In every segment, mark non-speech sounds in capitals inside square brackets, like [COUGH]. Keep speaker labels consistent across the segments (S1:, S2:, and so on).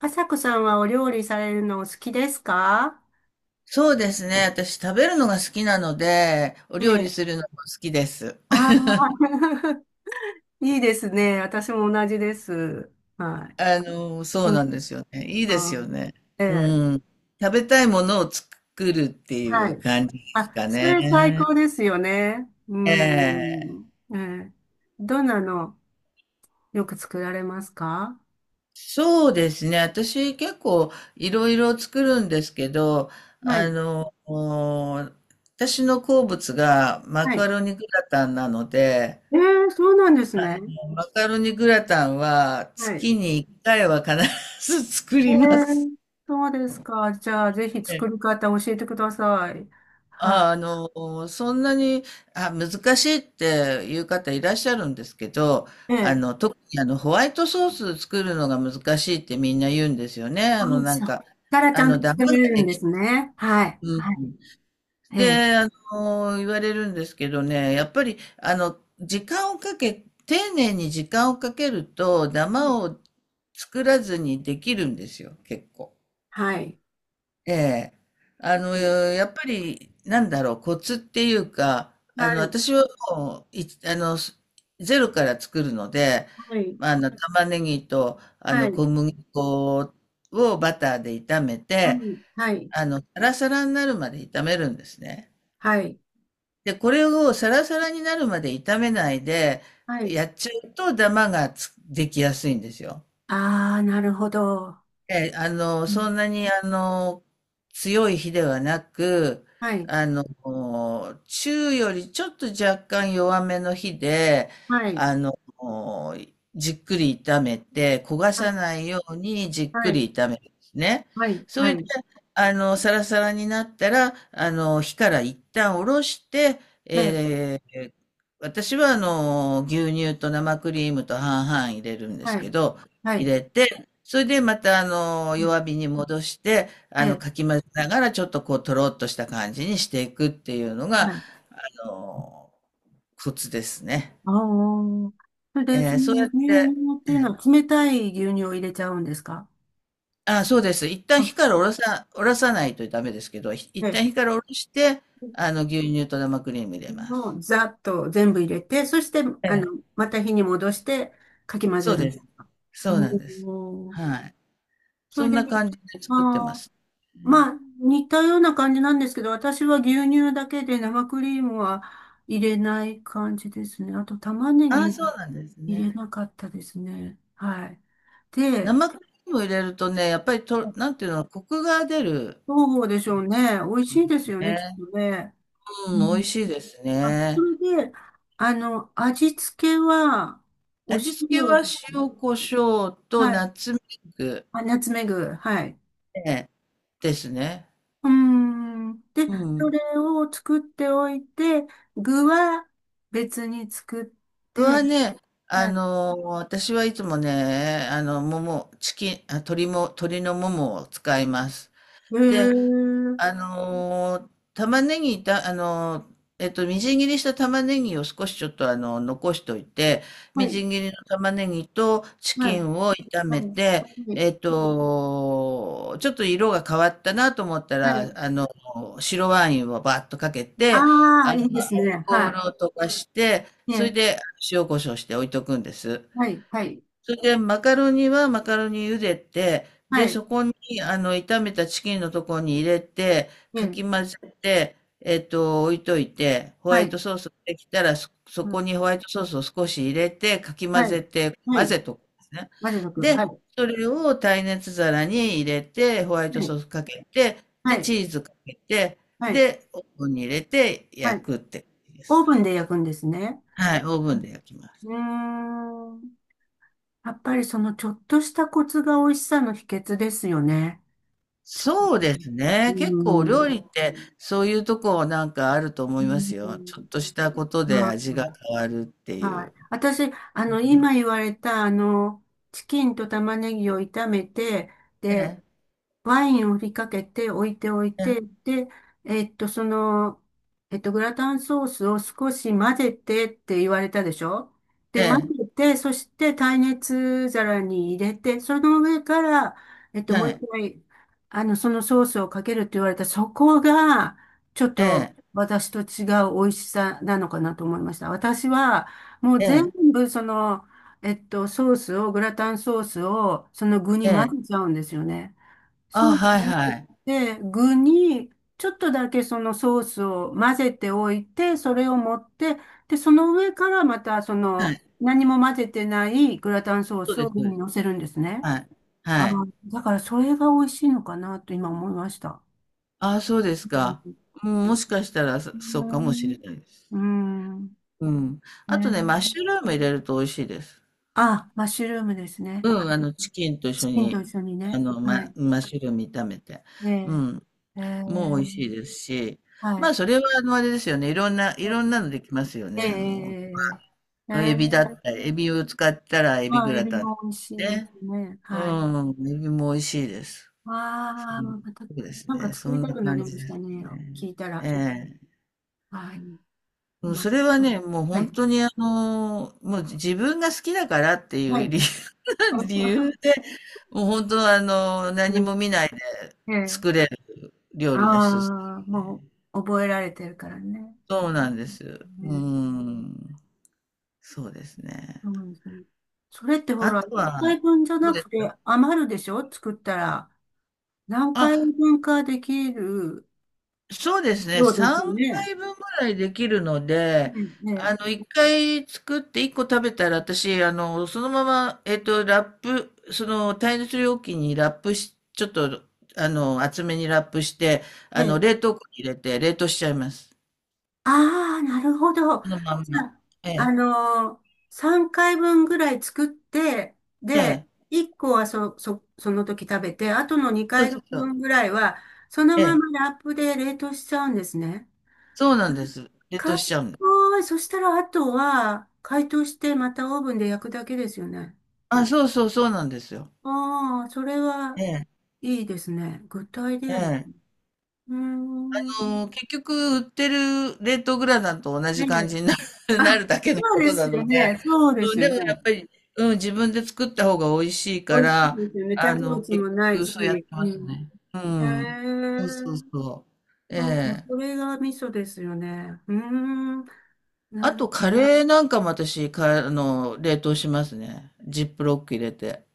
S1: あさこさんはお料理されるのお好きですか？
S2: そうですね。私食べるのが好きなので、お
S1: え
S2: 料理
S1: え。
S2: するのも好きです。
S1: ああ、
S2: [LAUGHS]
S1: [LAUGHS] いいですね。私も同じです。はい。
S2: そう
S1: うん。
S2: なんですよね。いいです
S1: あ
S2: よ
S1: ー。
S2: ね。
S1: ええ。
S2: うん。食べたいものを作るってい
S1: は
S2: う
S1: い。
S2: 感じです
S1: あ、
S2: か
S1: それ最
S2: ね。
S1: 高ですよね。う
S2: ええ。
S1: ん。ええ。どんなのよく作られますか？
S2: そうですね。私結構いろいろ作るんですけど、
S1: は
S2: あ
S1: い。
S2: の、お私の好物がマ
S1: は
S2: カ
S1: い。
S2: ロニグラタンなので、
S1: ええ、そうなんですね。
S2: マカロニグラタンは
S1: はい。
S2: 月に1回は必ず作
S1: ええ、
S2: ります。
S1: そうですか。じゃあ、ぜひ
S2: え
S1: 作
S2: え、
S1: り方教えてください。は
S2: そんなに、あ、難しいっていう方いらっしゃるんですけど、
S1: い。え
S2: あ
S1: え。
S2: の、特にあの、ホワイトソース作るのが難しいってみんな言うんですよね。
S1: あ、そっからちゃんと
S2: ダ
S1: 作
S2: マが
S1: れるん
S2: で
S1: で
S2: き、
S1: すね。はい。
S2: う
S1: は
S2: ん。
S1: い。ええ。
S2: で、あの、言われるんですけどね、やっぱり、時間をかけ、丁寧に時間をかけると、ダマを作らずにできるんですよ、結構。
S1: はい。
S2: ええ。やっぱり、なんだろう、コツっていうか、
S1: はい。
S2: 私はもう、い、あの、すゼロから作るので、
S1: はい。
S2: 玉ねぎと、
S1: はい。
S2: 小麦粉をバターで炒め
S1: はい。
S2: て、
S1: はい。
S2: サラサラになるまで炒めるんですね。
S1: はい。
S2: で、これをサラサラになるまで炒めないで
S1: はい。
S2: やっちゃうと、ダマができやすいんですよ。
S1: ああ、なるほど。
S2: ええ、あの、
S1: う
S2: そ
S1: ん。
S2: んなに、あの、強い火ではなく、
S1: はい。
S2: 中よりちょっと若干弱めの火で、
S1: はい。
S2: あの、じっくり炒めて、焦が
S1: はい。
S2: さないようにじっ
S1: は
S2: く
S1: い。
S2: り炒めるんですね。
S1: はい。
S2: そ
S1: は
S2: れで、
S1: い。
S2: サラサラになったら、火から一旦下ろして、
S1: ええ。
S2: えー私は、牛乳と生クリームと半々入れるんです
S1: は
S2: け
S1: い。
S2: ど、
S1: は
S2: 入
S1: い。
S2: れて、それでまた
S1: うん。
S2: 弱火に戻して、
S1: ええ。
S2: かき混ぜながらちょっとこうとろっとした感じにしていくっていうの
S1: は
S2: が、
S1: い。
S2: の、コツですね。
S1: ああ。それで、そ
S2: そう
S1: の
S2: や
S1: 牛
S2: って、
S1: 乳っていうのは冷たい牛乳を入れちゃうんですか？
S2: あ、そうです。一旦
S1: あ、
S2: 火からおろさ、おろさないとダメですけど、
S1: え
S2: 一
S1: え。
S2: 旦火からおろして、牛乳と生クリーム入れま
S1: も
S2: す。
S1: うざっと全部入れて、そして、
S2: え
S1: あの、
S2: え、
S1: また火に戻してかき混
S2: そ
S1: ぜ
S2: う
S1: る。
S2: です。そうなんです。
S1: おー。
S2: はい。
S1: そ
S2: そ
S1: れ
S2: ん
S1: で、
S2: な感じで作って
S1: ま
S2: ま
S1: あ
S2: す。うん。
S1: まあ、似たような感じなんですけど、私は牛乳だけで生クリームは入れない感じですね。あと玉ねぎ
S2: ああ、
S1: も
S2: そうなんです
S1: 入
S2: ね。
S1: れなかったですね。はい。で、
S2: 生クリーム入れるとね、やっぱり、なんていうの、コクが出る。
S1: どうでしょうね。美味しいですよね、きっ
S2: ね。
S1: とね。う
S2: うん、美味
S1: ん。
S2: しいです
S1: あ、そ
S2: ね。
S1: れで、あの、味付けは、お
S2: 味付け
S1: 塩
S2: は
S1: ですね。
S2: 塩コショウと
S1: はい。
S2: ナッツメグ、
S1: あ、ナツメグ。はい。
S2: ね、ですね。
S1: うーん。で、
S2: う
S1: そ
S2: ん。
S1: れを作っておいて、具は別に作っ
S2: 僕
S1: て、
S2: はね、
S1: はい。
S2: 私はいつもね、あの、もも、チキン、あ、鶏も、鶏のももを使います。
S1: へ
S2: で、
S1: ー。
S2: あのー玉ねぎた、あのーえっと、みじん切りした玉ねぎを少しちょっと残しといて、
S1: は
S2: み
S1: い。
S2: じん切りの玉ねぎとチ
S1: は
S2: キ
S1: い。
S2: ンを炒め
S1: は
S2: て、
S1: い。はい。
S2: えっと、ちょっと色が変わったなと思った
S1: は
S2: ら、
S1: い。
S2: 白ワインをバーッとかけて、
S1: あ
S2: ア
S1: あ、
S2: ル
S1: いいですね。
S2: コー
S1: は
S2: ルを溶かして、
S1: い。え
S2: それ
S1: え。
S2: で塩コショウして置いとくんです。
S1: はい。はい。
S2: それで、マカロニはマカロニ茹でて、
S1: は
S2: で、
S1: い。
S2: そこに、炒めたチキンのところに入れて、
S1: え
S2: か
S1: え。
S2: き混ぜて、えっと、置いといて、ホワ
S1: は
S2: イト
S1: い。
S2: ソースができたら、そ
S1: うん。
S2: こにホワイトソースを少し入れて、かき混
S1: はい。
S2: ぜて、
S1: は
S2: 混
S1: い。
S2: ぜとくんですね。
S1: 混ぜとく。は
S2: で、
S1: い。
S2: それを耐熱皿に入れて、ホワイト
S1: はい。
S2: ソースかけて、
S1: は
S2: で、チ
S1: い。
S2: ーズかけて、
S1: はい。
S2: で、オーブンに入れて
S1: は
S2: 焼
S1: い。
S2: くって感じで
S1: オ
S2: す。
S1: ーブンで焼くんですね。
S2: はい、オーブ
S1: う
S2: ンで焼きます。
S1: ん。うーん。やっぱりそのちょっとしたコツが美味しさの秘訣ですよね。チョコ、
S2: そうです
S1: う
S2: ね。結構お
S1: ー
S2: 料
S1: ん。
S2: 理ってそういうとこなんかあると思
S1: うー
S2: いますよ。ちょっ
S1: ん。
S2: としたことで
S1: まあ、
S2: 味が変わるってい
S1: はい。
S2: う。
S1: 私、あの、今言われた、あの、チキンと玉ねぎを炒めて、
S2: え
S1: で、
S2: え、
S1: ワインを振りかけて置いておい
S2: え
S1: て、で、えっと、その、グラタンソースを少し混ぜてって言われたでしょ？
S2: え、
S1: で、混
S2: え
S1: ぜて、そして耐熱皿に入れて、その上から、えっ
S2: え、
S1: と、も
S2: は
S1: う
S2: い、
S1: 一回、あの、そのソースをかけるって言われた、そこが、ちょっ
S2: え
S1: と
S2: え、
S1: 私と違う美味しさなのかなと思いました。私は、もう
S2: え
S1: 全
S2: え、
S1: 部その、えっと、ソースを、グラタンソースを、その具に
S2: ええ。
S1: 混ぜちゃうんですよね。そ
S2: あ、
S1: うじゃ
S2: はい
S1: な
S2: は
S1: く
S2: い。
S1: て、具に、ちょっとだけそのソースを混ぜておいて、それを持って、で、その上からまた、そ
S2: は
S1: の、
S2: い。
S1: 何も混ぜてないグラタンソー
S2: そう
S1: ス
S2: で
S1: を
S2: す、
S1: 上
S2: そうで
S1: に
S2: す。
S1: 乗せるんですね。
S2: はい。
S1: あ
S2: はい。
S1: ー、だからそれが美味しいのかなと今思いました。
S2: あ、そうで
S1: う
S2: すか。
S1: ん。
S2: うん、もしかしたらそうかもしれないです。
S1: うん。う
S2: うん。
S1: ん。
S2: あと
S1: ね。
S2: ね、マッシュルーム入れると美味しいです。
S1: あ、マッシュルームですね。
S2: うん、チキンと一
S1: チ
S2: 緒
S1: キンと
S2: に、
S1: 一緒にね。はい。
S2: マッシュルーム炒めて。う
S1: で、
S2: ん。
S1: え
S2: もう
S1: ー、
S2: 美味しいですし、
S1: は
S2: ま
S1: い。
S2: あそれはあのあれですよね、いろんなのできますよ
S1: え
S2: ね。
S1: え
S2: あの、
S1: えー、
S2: エビだったり、エビを使ったらエビ
S1: ま
S2: グ
S1: あ、エ
S2: ラ
S1: ビ
S2: タンで
S1: も美味
S2: すし
S1: しいで
S2: ね。
S1: すね。はい。
S2: うん、エビも美味しいです。そ
S1: わあ、
S2: うん
S1: また、
S2: そうです
S1: なんか
S2: ね、そ
S1: 作り
S2: ん
S1: た
S2: な
S1: くな
S2: 感
S1: りま
S2: じで
S1: した
S2: す
S1: ね。聞
S2: ね。
S1: いた
S2: え
S1: ら。
S2: え。
S1: はい。
S2: うん
S1: ま、
S2: それはね、もう
S1: は
S2: 本
S1: い。
S2: 当にあの、もう自分が好きだからってい
S1: は
S2: う
S1: い。
S2: 理由、[LAUGHS] 理由
S1: [LAUGHS]
S2: で、もう本当あの、
S1: う
S2: 何
S1: ん。
S2: も見ないで
S1: ええ。
S2: 作れる料
S1: あ
S2: 理の一つ。
S1: あ、もう、覚えられてるからね。
S2: そうなんです。う
S1: ね。
S2: ん。そうですね。
S1: そうですね。それってほ
S2: あ
S1: ら、
S2: と
S1: 一
S2: は、
S1: 回分じゃ
S2: どう
S1: な
S2: です
S1: くて
S2: か？
S1: 余るでしょ作ったら。何回
S2: あ、
S1: 分かできる？
S2: そうですね。
S1: そうですよ
S2: 3
S1: ね。
S2: 回分ぐらいできるの
S1: う
S2: で、
S1: ん。
S2: あ
S1: え
S2: の、1回作って1個食べたら、私、あの、そのまま、えっと、ラップ、その耐熱容器にラップし、ちょっと、あの、厚めにラップして、
S1: え、ええ。
S2: 冷凍庫に入れて、冷凍しちゃいます。
S1: ああ、なるほど。
S2: そのまん
S1: じゃ
S2: ま。
S1: あ、
S2: え
S1: あ
S2: え、
S1: のー、3回分ぐらい作って、
S2: え
S1: で、
S2: え、
S1: 1個はそ、そ、その時食べて、あとの
S2: そ
S1: 2
S2: うそうそ
S1: 回分
S2: う。
S1: ぐらいは、その
S2: え
S1: ま
S2: え、
S1: まラップで冷凍しちゃうんですね。
S2: そうなんです。冷凍しち
S1: 賢
S2: ゃうんです。
S1: い。そしたら、あとは、解凍して、またオーブンで焼くだけですよね。
S2: あ、そうそう、そうなんですよ。
S1: ああ、それは
S2: ええ、
S1: いいですね。グッドアイデ
S2: え
S1: アです
S2: え。
S1: ね。うーん。
S2: 結局売ってる冷凍グラタンと同じ感
S1: ね。
S2: じになる [LAUGHS] な
S1: あ、
S2: るだけの
S1: そう
S2: こ
S1: で
S2: と
S1: す
S2: な
S1: よ
S2: ので、
S1: ね。そうで
S2: うん、
S1: すよ
S2: で
S1: ね。
S2: もやっぱり、うん、自分で作った方が美味しいか
S1: 美味しい
S2: ら、
S1: ですよね。添加物
S2: 結
S1: もない
S2: 局そうやって
S1: し。
S2: ま
S1: う
S2: す
S1: ん。
S2: ね。う
S1: へ
S2: ん。そうそう
S1: え。
S2: そう。え
S1: そう、
S2: え。
S1: それが味噌ですよね。うーん。な
S2: あ
S1: る。
S2: と、カレーなんかも私、か、あの、冷凍しますね。ジップロック入れて。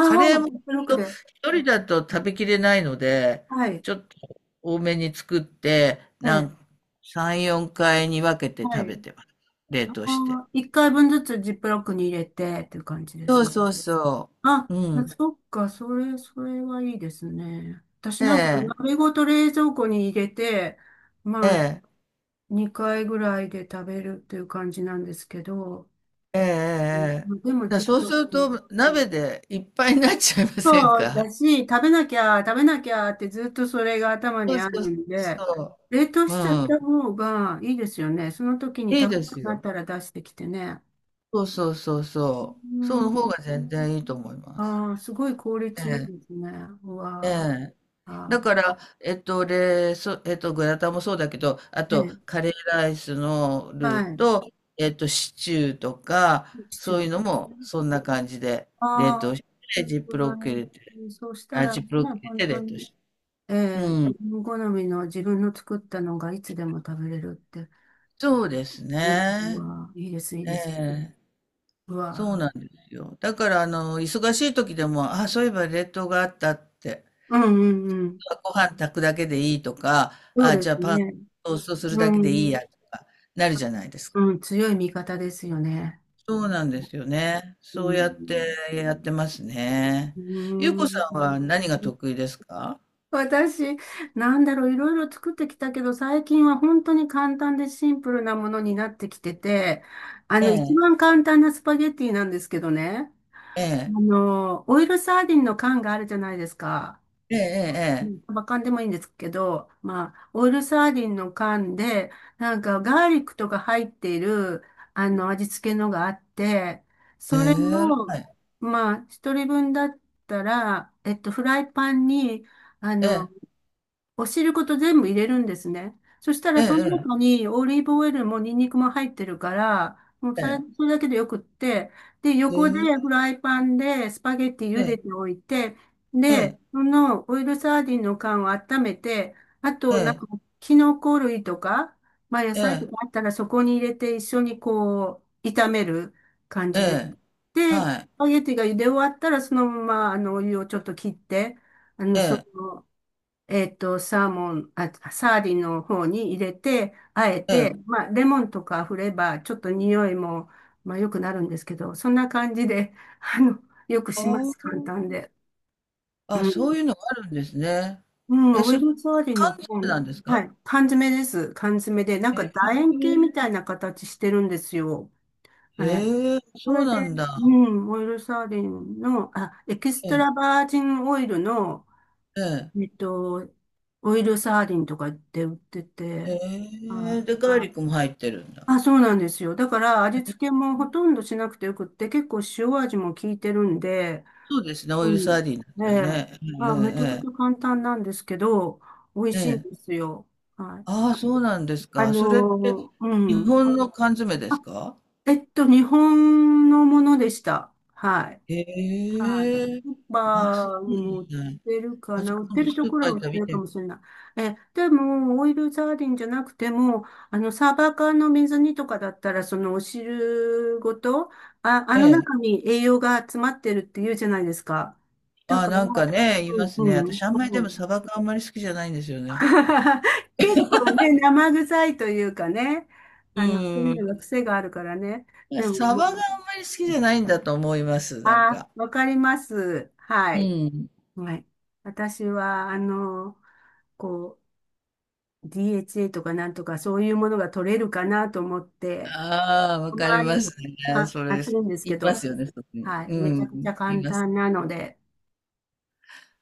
S2: カ
S1: あ、
S2: レーも
S1: ジップロックで。
S2: 一人だと食べきれないので、
S1: はい。
S2: ちょっと多めに作って、
S1: ええ。
S2: 3、4回に分けて
S1: は
S2: 食
S1: い。
S2: べてます。冷
S1: あ
S2: 凍して。
S1: あ、一回分ずつジップロックに入れてっていう感じで
S2: そう
S1: すね。
S2: そうそ
S1: あ、
S2: う。うん。
S1: そっか、それ、それはいいですね。私
S2: え
S1: なんか、
S2: え、
S1: 鍋ごと冷蔵庫に入れて、
S2: え
S1: まあ、
S2: え、
S1: 2回ぐらいで食べるっていう感じなんですけど、
S2: ええ、ええ。え
S1: う
S2: え、
S1: ん。でも
S2: だ
S1: ちょっ
S2: そうす
S1: と、
S2: る
S1: うん、
S2: と鍋でいっぱいになっちゃいません
S1: そう
S2: か？
S1: だし、食べなきゃってずっとそれが頭
S2: そ
S1: に
S2: う
S1: あ
S2: そ
S1: る
S2: う
S1: んで、
S2: そ
S1: 冷凍
S2: う。
S1: しちゃっ
S2: うん。
S1: た方がいいですよね。その時に
S2: いい
S1: 食べ
S2: で
S1: た
S2: す
S1: くなっ
S2: よ。
S1: たら出してきてね。
S2: そうそうそうそ
S1: う
S2: う。その
S1: ん。
S2: 方が全然いいと思います。
S1: ああー、すごい効
S2: え
S1: 率いい
S2: え、
S1: ですね。う
S2: え
S1: わ
S2: え。
S1: あ、
S2: だ
S1: あ
S2: から、えっと、で、そ、えっと、グラタンもそうだけど、あ
S1: ー
S2: と、
S1: ね、
S2: カレーライスの
S1: は
S2: ルー
S1: い。
S2: と、えっと、シチューとか、
S1: シチュ
S2: そ
S1: ー
S2: うい
S1: で
S2: うの
S1: すね。
S2: も、そんな感じで、冷
S1: ああ、
S2: 凍して、ジップロ
S1: う
S2: ック入れて、
S1: ん、そうした
S2: あ、
S1: ら
S2: ジ
S1: ね、
S2: ップロック入
S1: 本
S2: れて
S1: 当
S2: 冷凍
S1: に
S2: して。
S1: ええ、
S2: うん。
S1: 自分好みの自分の作ったのがいつでも食べれるって。
S2: そうです
S1: いいう
S2: ね。
S1: わ、いいです、いい
S2: え
S1: です。
S2: え、
S1: う
S2: そう
S1: わ、
S2: なんですよ。だから、忙しい時でも、あ、そういえば冷凍があったって、
S1: うん、うん、うん。
S2: あご飯炊くだけでいいとか、
S1: そう
S2: あ、
S1: で
S2: じゃあ
S1: す
S2: パン
S1: ね。
S2: トーストするだけ
S1: う
S2: でいい
S1: ん。
S2: やとか、なる
S1: そ
S2: じゃないですか。
S1: うん、強い味方ですよね。
S2: そうなんですよね。
S1: う
S2: そうやって
S1: ん。
S2: やってますね。
S1: う
S2: ゆうこさん
S1: ん。
S2: は何が得意ですか？
S1: 私、なんだろう、いろいろ作ってきたけど、最近は本当に簡単でシンプルなものになってきてて、あ
S2: え
S1: の、一
S2: え、
S1: 番簡単なスパゲッティなんですけどね。
S2: え
S1: あ
S2: え、
S1: の、オイルサーディンの缶があるじゃないですか。
S2: え
S1: う
S2: え、
S1: ん。サバ缶でもいいんですけど、まあ、オイルサーディンの缶で、なんかガーリックとか入っている、あの、味付けのがあって、
S2: ええ、え
S1: それ
S2: え、は
S1: を、
S2: い、
S1: まあ、一人分だったら、えっと、フライパンに、あ
S2: え
S1: の、
S2: え、
S1: お汁ごと全部入れるんですね。そした
S2: え
S1: らその
S2: え、
S1: 中にオリーブオイルもニンニクも入ってるから、もう
S2: え
S1: それ、
S2: え、
S1: それだけでよくって、で、横で
S2: え
S1: フ
S2: え、
S1: ライパンでスパゲッティ
S2: え
S1: 茹で
S2: え、
S1: ておいて、
S2: え
S1: で、
S2: え、
S1: そのオイルサーディンの缶を温めて、あとなんかキノコ類とか、まあ野
S2: え
S1: 菜と
S2: え、
S1: かあったらそこに入れて一緒にこう炒める感
S2: え
S1: じで。
S2: え、
S1: で、ス
S2: はい、
S1: パゲッティが茹で終わったらそのままあのお湯をちょっと切って、あの、
S2: え
S1: そ
S2: え、
S1: のえっと、サーモン、あ、サーディンの方に入れて、あえ
S2: え
S1: て、
S2: え。
S1: まあ、レモンとか振れば、ちょっと匂いも、まあ、良くなるんですけど、そんな感じで、[LAUGHS] あの、よく
S2: あ
S1: します、
S2: あ、
S1: 簡単で。う
S2: あ、
S1: ん。
S2: そういうのがあるんですね。
S1: う
S2: え、
S1: ん、オ
S2: そ
S1: イ
S2: れ、
S1: ルサーディンの
S2: 缶
S1: 方、
S2: 詰なんです
S1: は
S2: か？
S1: い、缶詰です。缶詰で、なんか
S2: ええ、
S1: 楕円形みたいな形してるんですよ。え、
S2: ええ、
S1: こ
S2: そう
S1: れで、
S2: なんだ。
S1: うん、オイルサーディンの、あ、エキス
S2: え
S1: ト
S2: え、
S1: ラバージンオイルの、
S2: ええ、
S1: えっと、オイルサーディンとかって売って
S2: へ
S1: て、
S2: え、
S1: は
S2: で、
S1: い。
S2: ガーリックも入ってるんだ。
S1: あ、そうなんですよ。だから味付けもほとんどしなくてよくって、結構塩味も効いてるんで、
S2: そうですね、オイ
S1: う
S2: ルサ
S1: ん。
S2: ーディンだっ
S1: え
S2: たら
S1: え。
S2: ね。
S1: まあ、めちゃ
S2: え
S1: くちゃ簡単なんですけど、美味
S2: え、ええ。
S1: しいん
S2: え
S1: で
S2: え。
S1: すよ。はい。
S2: ああ、そうなんです
S1: あ
S2: か。それって、
S1: のーう
S2: 日
S1: ん。
S2: 本の缶詰で
S1: あ、
S2: すか？
S1: えっと、日本のものでした。はい。
S2: へ
S1: はい。
S2: え。
S1: スー
S2: ああ、そう
S1: パーにも売っ
S2: なんだ。
S1: てるか
S2: あ、じ
S1: な。
S2: ゃあ
S1: 売っ
S2: 今
S1: て
S2: 度
S1: る
S2: ス
S1: と
S2: ー
S1: こ
S2: パー
S1: ろ
S2: 行
S1: は
S2: っ
S1: 売
S2: た
S1: っ
S2: ら
S1: て
S2: 見
S1: るか
S2: て。
S1: もしれない。え、でも、オイルサーディンじゃなくても、あの、サーバー缶の水煮とかだったら、そのお汁ごと、あ、あ
S2: え
S1: の
S2: え。
S1: 中に栄養が詰まってるって言うじゃないですか。だ
S2: ああ、
S1: から、
S2: なんかね、い
S1: う
S2: ま
S1: ん、
S2: すね。
S1: うん。
S2: 私あんまり
S1: そ
S2: でも
S1: う、
S2: サバがあんまり好きじゃないんですよね。
S1: [LAUGHS] 結構ね、生臭いというかね、あの、そういう
S2: うん。
S1: のが癖があるからね。でも、
S2: サ
S1: も
S2: バがあんま
S1: う、
S2: り好きじゃないんだと思います、なん
S1: あ、
S2: か。
S1: わかります。は
S2: う
S1: い。
S2: ん。
S1: はい。私は、あの、こう、DHA とかなんとかそういうものが取れるかなと思って、
S2: ああ、わ
S1: た
S2: かり
S1: ま
S2: ます
S1: に
S2: ね。
S1: か、
S2: そ
S1: あ、
S2: れ、
S1: するんです
S2: 言
S1: け
S2: いま
S1: ど、
S2: すよね、特に。
S1: はい。
S2: う
S1: めちゃ
S2: ん。
S1: くちゃ
S2: 言い
S1: 簡
S2: ます。
S1: 単なので、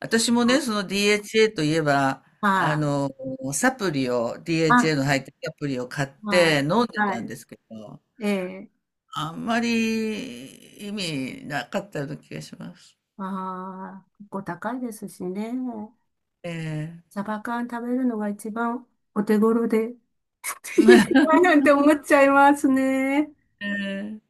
S2: 私も
S1: あ、は
S2: ね、そ
S1: い、
S2: の DHA といえば、あ
S1: あ、
S2: の、サプリを、
S1: あ、
S2: DHA の入ったサプリを買っ
S1: あ
S2: て飲んで
S1: は
S2: たん
S1: い。
S2: ですけど、
S1: ええ、
S2: あんまり意味なかったような気がします。
S1: ああ、結構高いですしね。
S2: ええ
S1: サバ缶食べるのが一番お手頃で、[LAUGHS]
S2: [LAUGHS]
S1: なんて思っちゃいますね。
S2: ええ